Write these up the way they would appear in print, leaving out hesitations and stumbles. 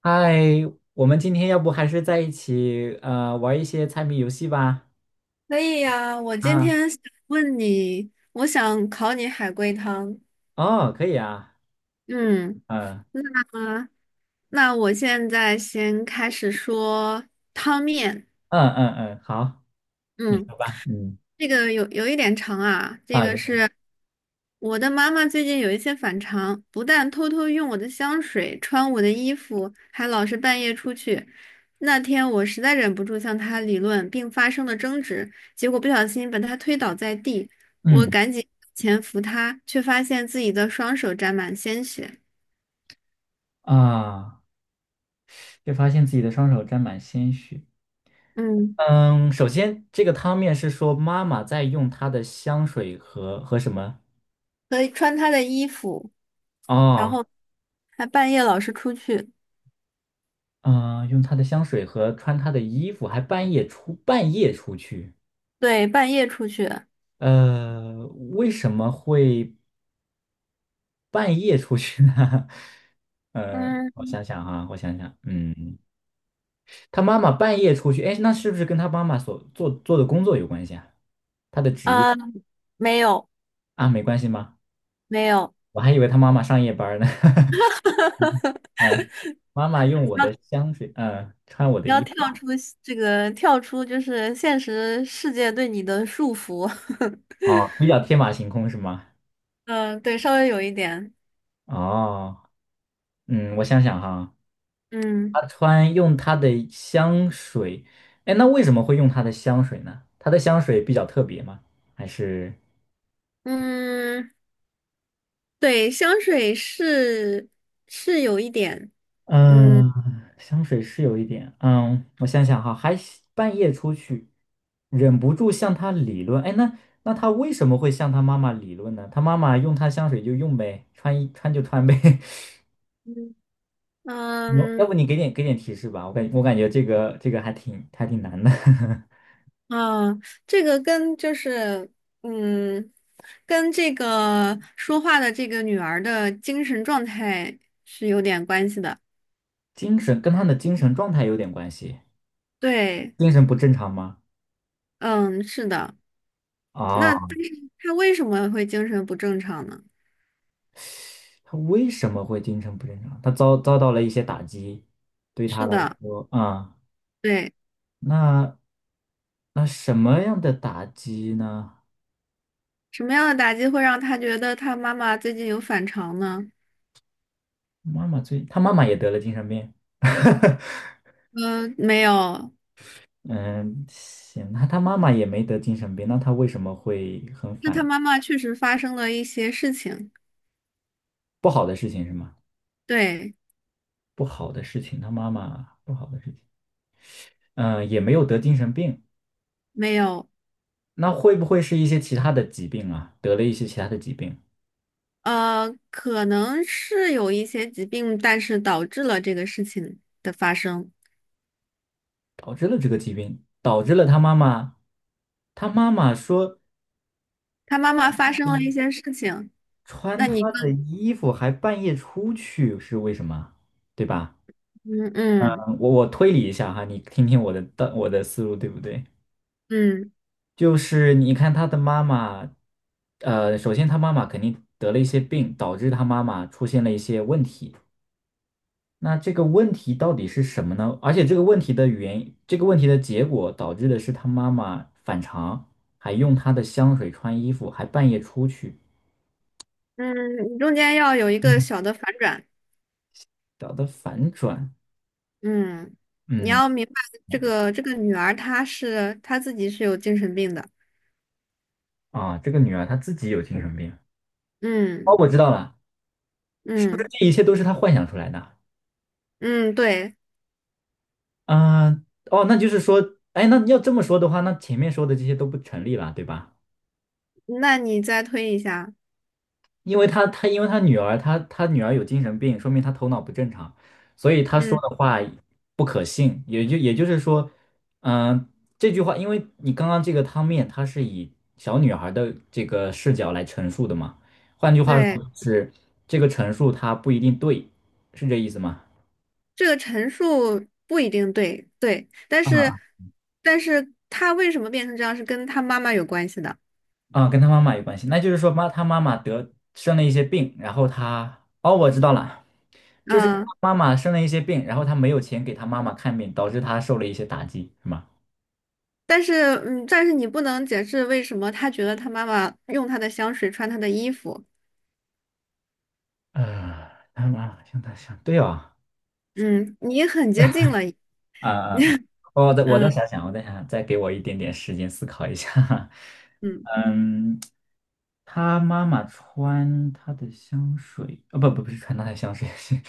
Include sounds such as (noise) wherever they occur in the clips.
嗨，我们今天要不还是在一起玩一些猜谜游戏吧？可以呀，我今啊，天想问你，我想考你海龟汤。哦，可以啊，嗯，嗯那那我现在先开始说汤面。嗯嗯嗯，好，你嗯，说吧，嗯这个有一点长啊，这啊，个有是我的妈妈最近有一些反常，不但偷偷用我的香水、穿我的衣服，还老是半夜出去。那天我实在忍不住向她理论，并发生了争执，结果不小心把她推倒在地，我嗯赶紧前扶她，却发现自己的双手沾满鲜血。啊，就发现自己的双手沾满鲜血。嗯，嗯，首先这个汤面是说妈妈在用她的香水和什么？可以穿她的衣服，然哦，后还半夜老是出去，嗯、用她的香水和穿她的衣服，还半夜出去。对，半夜出去。呃，为什么会？半夜出去呢？(laughs) 嗯，我想想，嗯，他妈妈半夜出去，哎，那是不是跟他妈妈所做的工作有关系啊？他的职业呃，没有。啊，没关系吗？没有，我还以为他妈妈上夜班儿呢。(laughs) 嗯，妈妈用你我要的香水，穿我的你要衣服，跳出这个，跳出就是现实世界对你的束缚。(laughs) 哦，比较天马行空是吗？嗯，对，稍微有一点。哦，嗯，我想想哈，嗯他用他的香水，哎，那为什么会用他的香水呢？他的香水比较特别吗？还是？嗯，对，香水是有一点。嗯嗯，香水是有一点，嗯，我想想哈，还半夜出去，忍不住向他理论。哎，那他为什么会向他妈妈理论呢？他妈妈用他香水就用呗，穿一穿就穿呗。(laughs) 嗯嗯，要不嗯你给点提示吧，我感觉这个还挺难的，啊，这个跟就是嗯，跟这个说话的这个女儿的精神状态是有点关系的。(laughs) 精神跟他的精神状态有点关系，对，精神不正常吗？嗯，是的。啊，那但是他为什么会精神不正常呢？他为什么会精神不正常？他遭到了一些打击，对他是来的，说，对，那那什么样的打击呢？什么样的打击会让他觉得他妈妈最近有反常呢？妈妈最，他妈妈也得了精神病。(laughs) 嗯、没有，嗯，行，那他妈妈也没得精神病，那他为什么会很那他反？妈妈确实发生了一些事情。不好的事情是吗？对，不好的事情，他妈妈不好的事情，嗯，也没有得精神病，没有，那会不会是一些其他的疾病啊？得了一些其他的疾病，可能是有一些疾病，但是导致了这个事情的发生。导致了这个疾病，导致了他妈妈，他妈妈说他妈妈发生了一你些事情，穿那你他的更衣服还半夜出去是为什么？对吧？嗯嗯我推理一下哈，你听听我的思路对不对？嗯就是你看他的妈妈，首先他妈妈肯定得了一些病，导致他妈妈出现了一些问题。那这个问题到底是什么呢？而且这个问题的原因这个问题的结果导致的是他妈妈反常，还用他的香水穿衣服，还半夜出去，嗯，你中间要有一个嗯小的反转。搞得反转。嗯，你嗯要明白这个女儿她自己是有精神病的。啊，这个女儿她自己有精神病。哦，嗯我知道了，是不是嗯这一切都是她幻想出来的？嗯，对，嗯，哦，那就是说，哎，那要这么说的话，那前面说的这些都不成立了，对吧？那你再推一下。因为因为他女儿，他女儿有精神病，说明他头脑不正常，所以他说嗯，的话不可信。也就是说，嗯、这句话，因为你刚刚这个汤面，它是以小女孩的这个视角来陈述的嘛，换句话对，说，就是这个陈述它不一定对，是这意思吗？这个陈述不一定对，对，但是啊，但是他为什么变成这样是跟他妈妈有关系的。啊，跟他妈妈有关系。那就是说他妈妈得生了一些病，然后他，哦，我知道了，就是他嗯，妈妈生了一些病，然后他没有钱给他妈妈看病，导致他受了一些打击，是吗？但是但是你不能解释为什么他觉得他妈妈用她的香水穿他的衣服。啊，他妈妈向他想，对哦，嗯，你很接近了。啊啊啊！嗯我再想想，再给我一点点时间思考一下。(laughs) 嗯，嗯，他妈妈穿他的香水，不是穿他的香水，是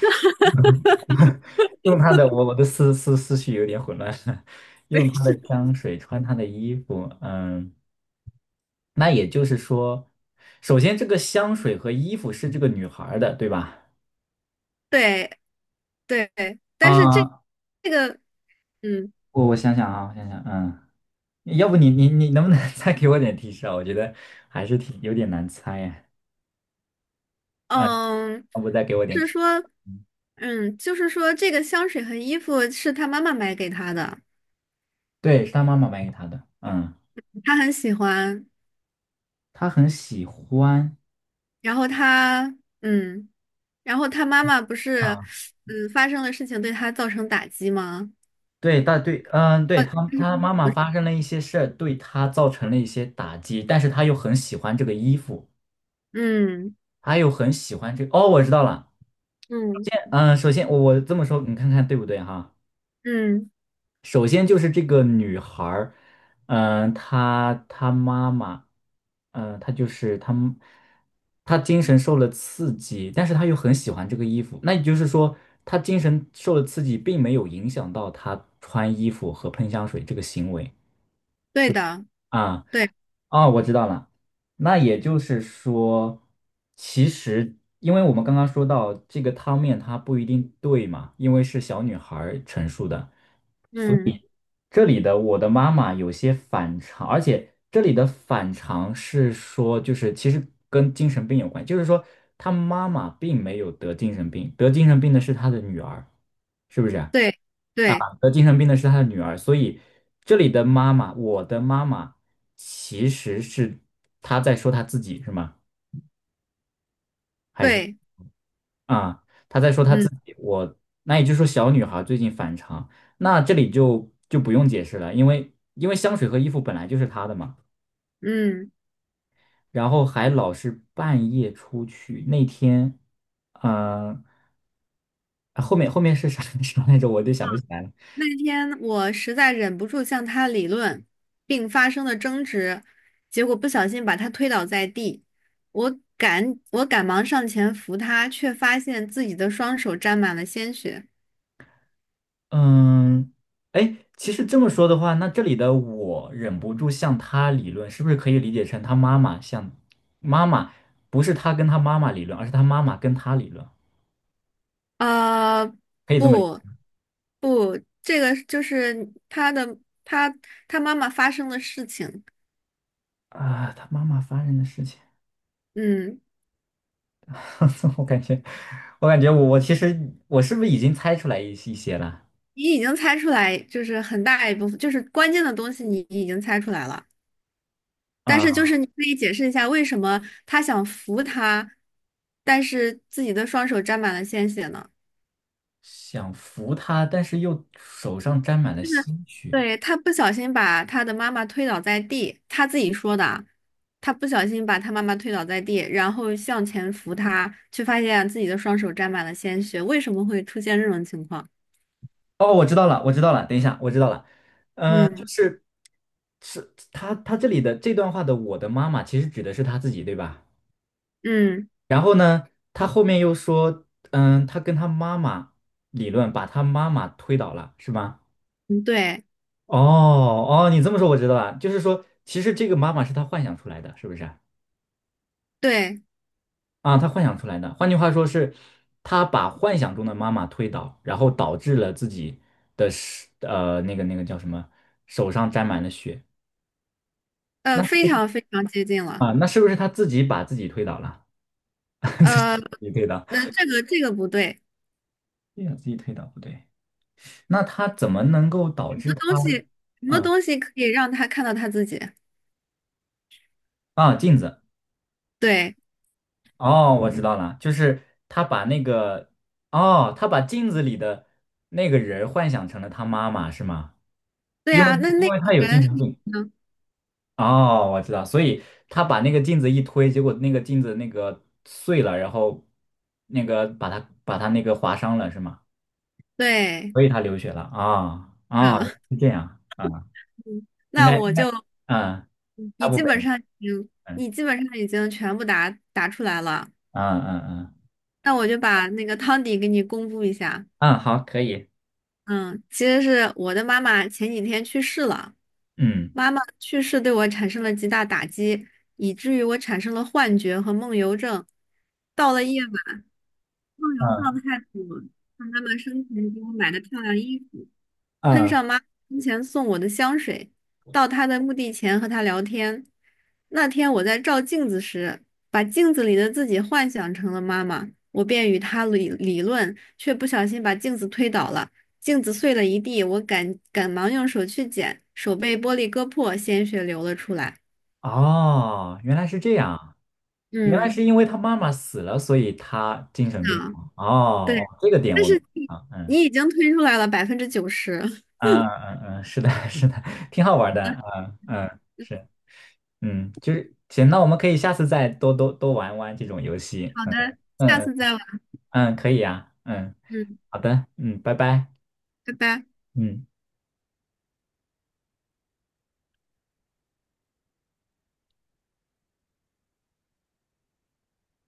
用他的，我的思绪有点混乱，(laughs) (laughs) 对，用他的是，香水，穿他的衣服，嗯，那也就是说，首先这个香水和衣服是这个女孩儿的，对吧？对。对，但是这啊，这个，嗯我想想，嗯，要不你能不能 (laughs) 再给我点提示啊？我觉得还是挺有点难猜呀，嗯，嗯，要不再给我点提是示？说，就是说，这个香水和衣服是他妈妈买给他的，对，是他妈妈买给他的，嗯，他很喜欢。他很喜欢。然后他，嗯，然后他妈妈不是，啊。发生了事情对他造成打击吗？对，对，嗯，对，他妈妈发生了一些事儿，对他造成了一些打击，但是他又很喜欢这个衣服，嗯他又很喜欢这个。哦，我知道了，嗯嗯，首先我这么说，你看看对不对哈？嗯，首先就是这个女孩儿，嗯，她妈妈，嗯，她就是她妈她精神受了刺激，但是她又很喜欢这个衣服，那也就是说，她精神受了刺激，并没有影响到她穿衣服和喷香水这个行为对的，啊。对，啊，我知道了。那也就是说，其实因为我们刚刚说到这个汤面它不一定对嘛，因为是小女孩儿陈述的。嗯这里的我的妈妈有些反常，而且这里的反常是说，就是其实跟精神病有关，就是说她妈妈并没有得精神病，得精神病的是她的女儿，是不是啊？对啊，对得精神病的是他的女儿，所以这里的妈妈，我的妈妈，其实是她在说她自己是吗？还是对，啊，她在说她自嗯己？那也就是说，小女孩最近反常，那这里就不用解释了，因为香水和衣服本来就是她的嘛，嗯。然后还老是半夜出去，那天，嗯、后面是啥 (laughs) 啥来着 (laughs)？我就想不起来了。那天我实在忍不住向他理论，并发生了争执，结果不小心把他推倒在地。我赶忙上前扶他，却发现自己的双手沾满了鲜血。嗯，哎，其实这么说的话，那这里的我忍不住向他理论，是不是可以理解成他妈妈向妈妈，不是他跟他妈妈理论，而是他妈妈跟他理论，呃，可以这么理解不，不，这个就是他的他他妈妈发生的事情。啊？他妈妈发生的事情，嗯，(laughs) 我感觉，我感觉我其实我是不是已经猜出来一些了你已经猜出来，就是很大一部分，就是关键的东西，你已经猜出来了。但是就啊？是你可以解释一下，为什么他想扶他，但是自己的双手沾满了鲜血呢？想扶他，但是又手上沾满了就是鲜血。对，他不小心把他的妈妈推倒在地，他自己说的啊，他不小心把他妈妈推倒在地，然后向前扶他，却发现自己的双手沾满了鲜血，为什么会出现这种情况？哦，我知道了，我知道了，等一下，我知道了。嗯是。是他这里的这段话的“我的妈妈”其实指的是他自己，对吧？嗯然后呢，他后面又说，嗯，他跟他妈妈理论，把他妈妈推倒了，是吗？嗯，对哦哦，你这么说我知道了，就是说，其实这个妈妈是他幻想出来的，是不是啊？对，啊，他幻想出来的，换句话说是，他把幻想中的妈妈推倒，然后导致了自己的是那个叫什么，手上沾满了血。那非常非常接近了，啊，那是不是他自己把自己推倒了？(laughs) 自呃，己推倒。那这个不对，对呀，自己推倒不对，那他怎么能够导什么致他？东西什么嗯，东西可以让他看到他自己？啊，镜子，对哦，我知道了，就是他把那个，哦，他把镜子里的那个人儿幻想成了他妈妈，是吗？对因为啊，那因那个为他有人精是神病。嗯，哦，我知道，所以他把那个镜子一推，结果那个镜子那个碎了，然后那个把他那个划伤了，是吗？对，所以他流血了啊啊，嗯，是这样啊，(laughs) 应那该我应该，就嗯，大你部基分，本上已经嗯你基本上已经全部答出来了，嗯嗯嗯。那我就把那个汤底给你公布一下。嗯，好，可以。嗯，其实是我的妈妈前几天去世了，嗯妈妈去世对我产生了极大打击，以至于我产生了幻觉和梦游症。到了夜晚，梦游嗯状态组，看妈妈生前给我买的漂亮衣服。喷嗯，上妈生前送我的香水，到她的墓地前和她聊天。那天我在照镜子时，把镜子里的自己幻想成了妈妈，我便与她理论，却不小心把镜子推倒了，镜子碎了一地，我赶忙用手去捡，手被玻璃割破，鲜血流了出来。哦，原来是这样，原来嗯，是因为他妈妈死了，所以他精神病啊，了哦，对，哦，这个点但我们是你啊，嗯，你已经推出来了90%。啊，嗯嗯，嗯是的，(laughs) 是的，挺好玩的，嗯嗯，(laughs) 是，嗯，就是行，那我们可以下次再多多玩玩这种游戏，好嗯的，嗯下嗯次再玩。嗯，可以呀，嗯，嗯，好的，嗯，拜拜，拜拜。嗯。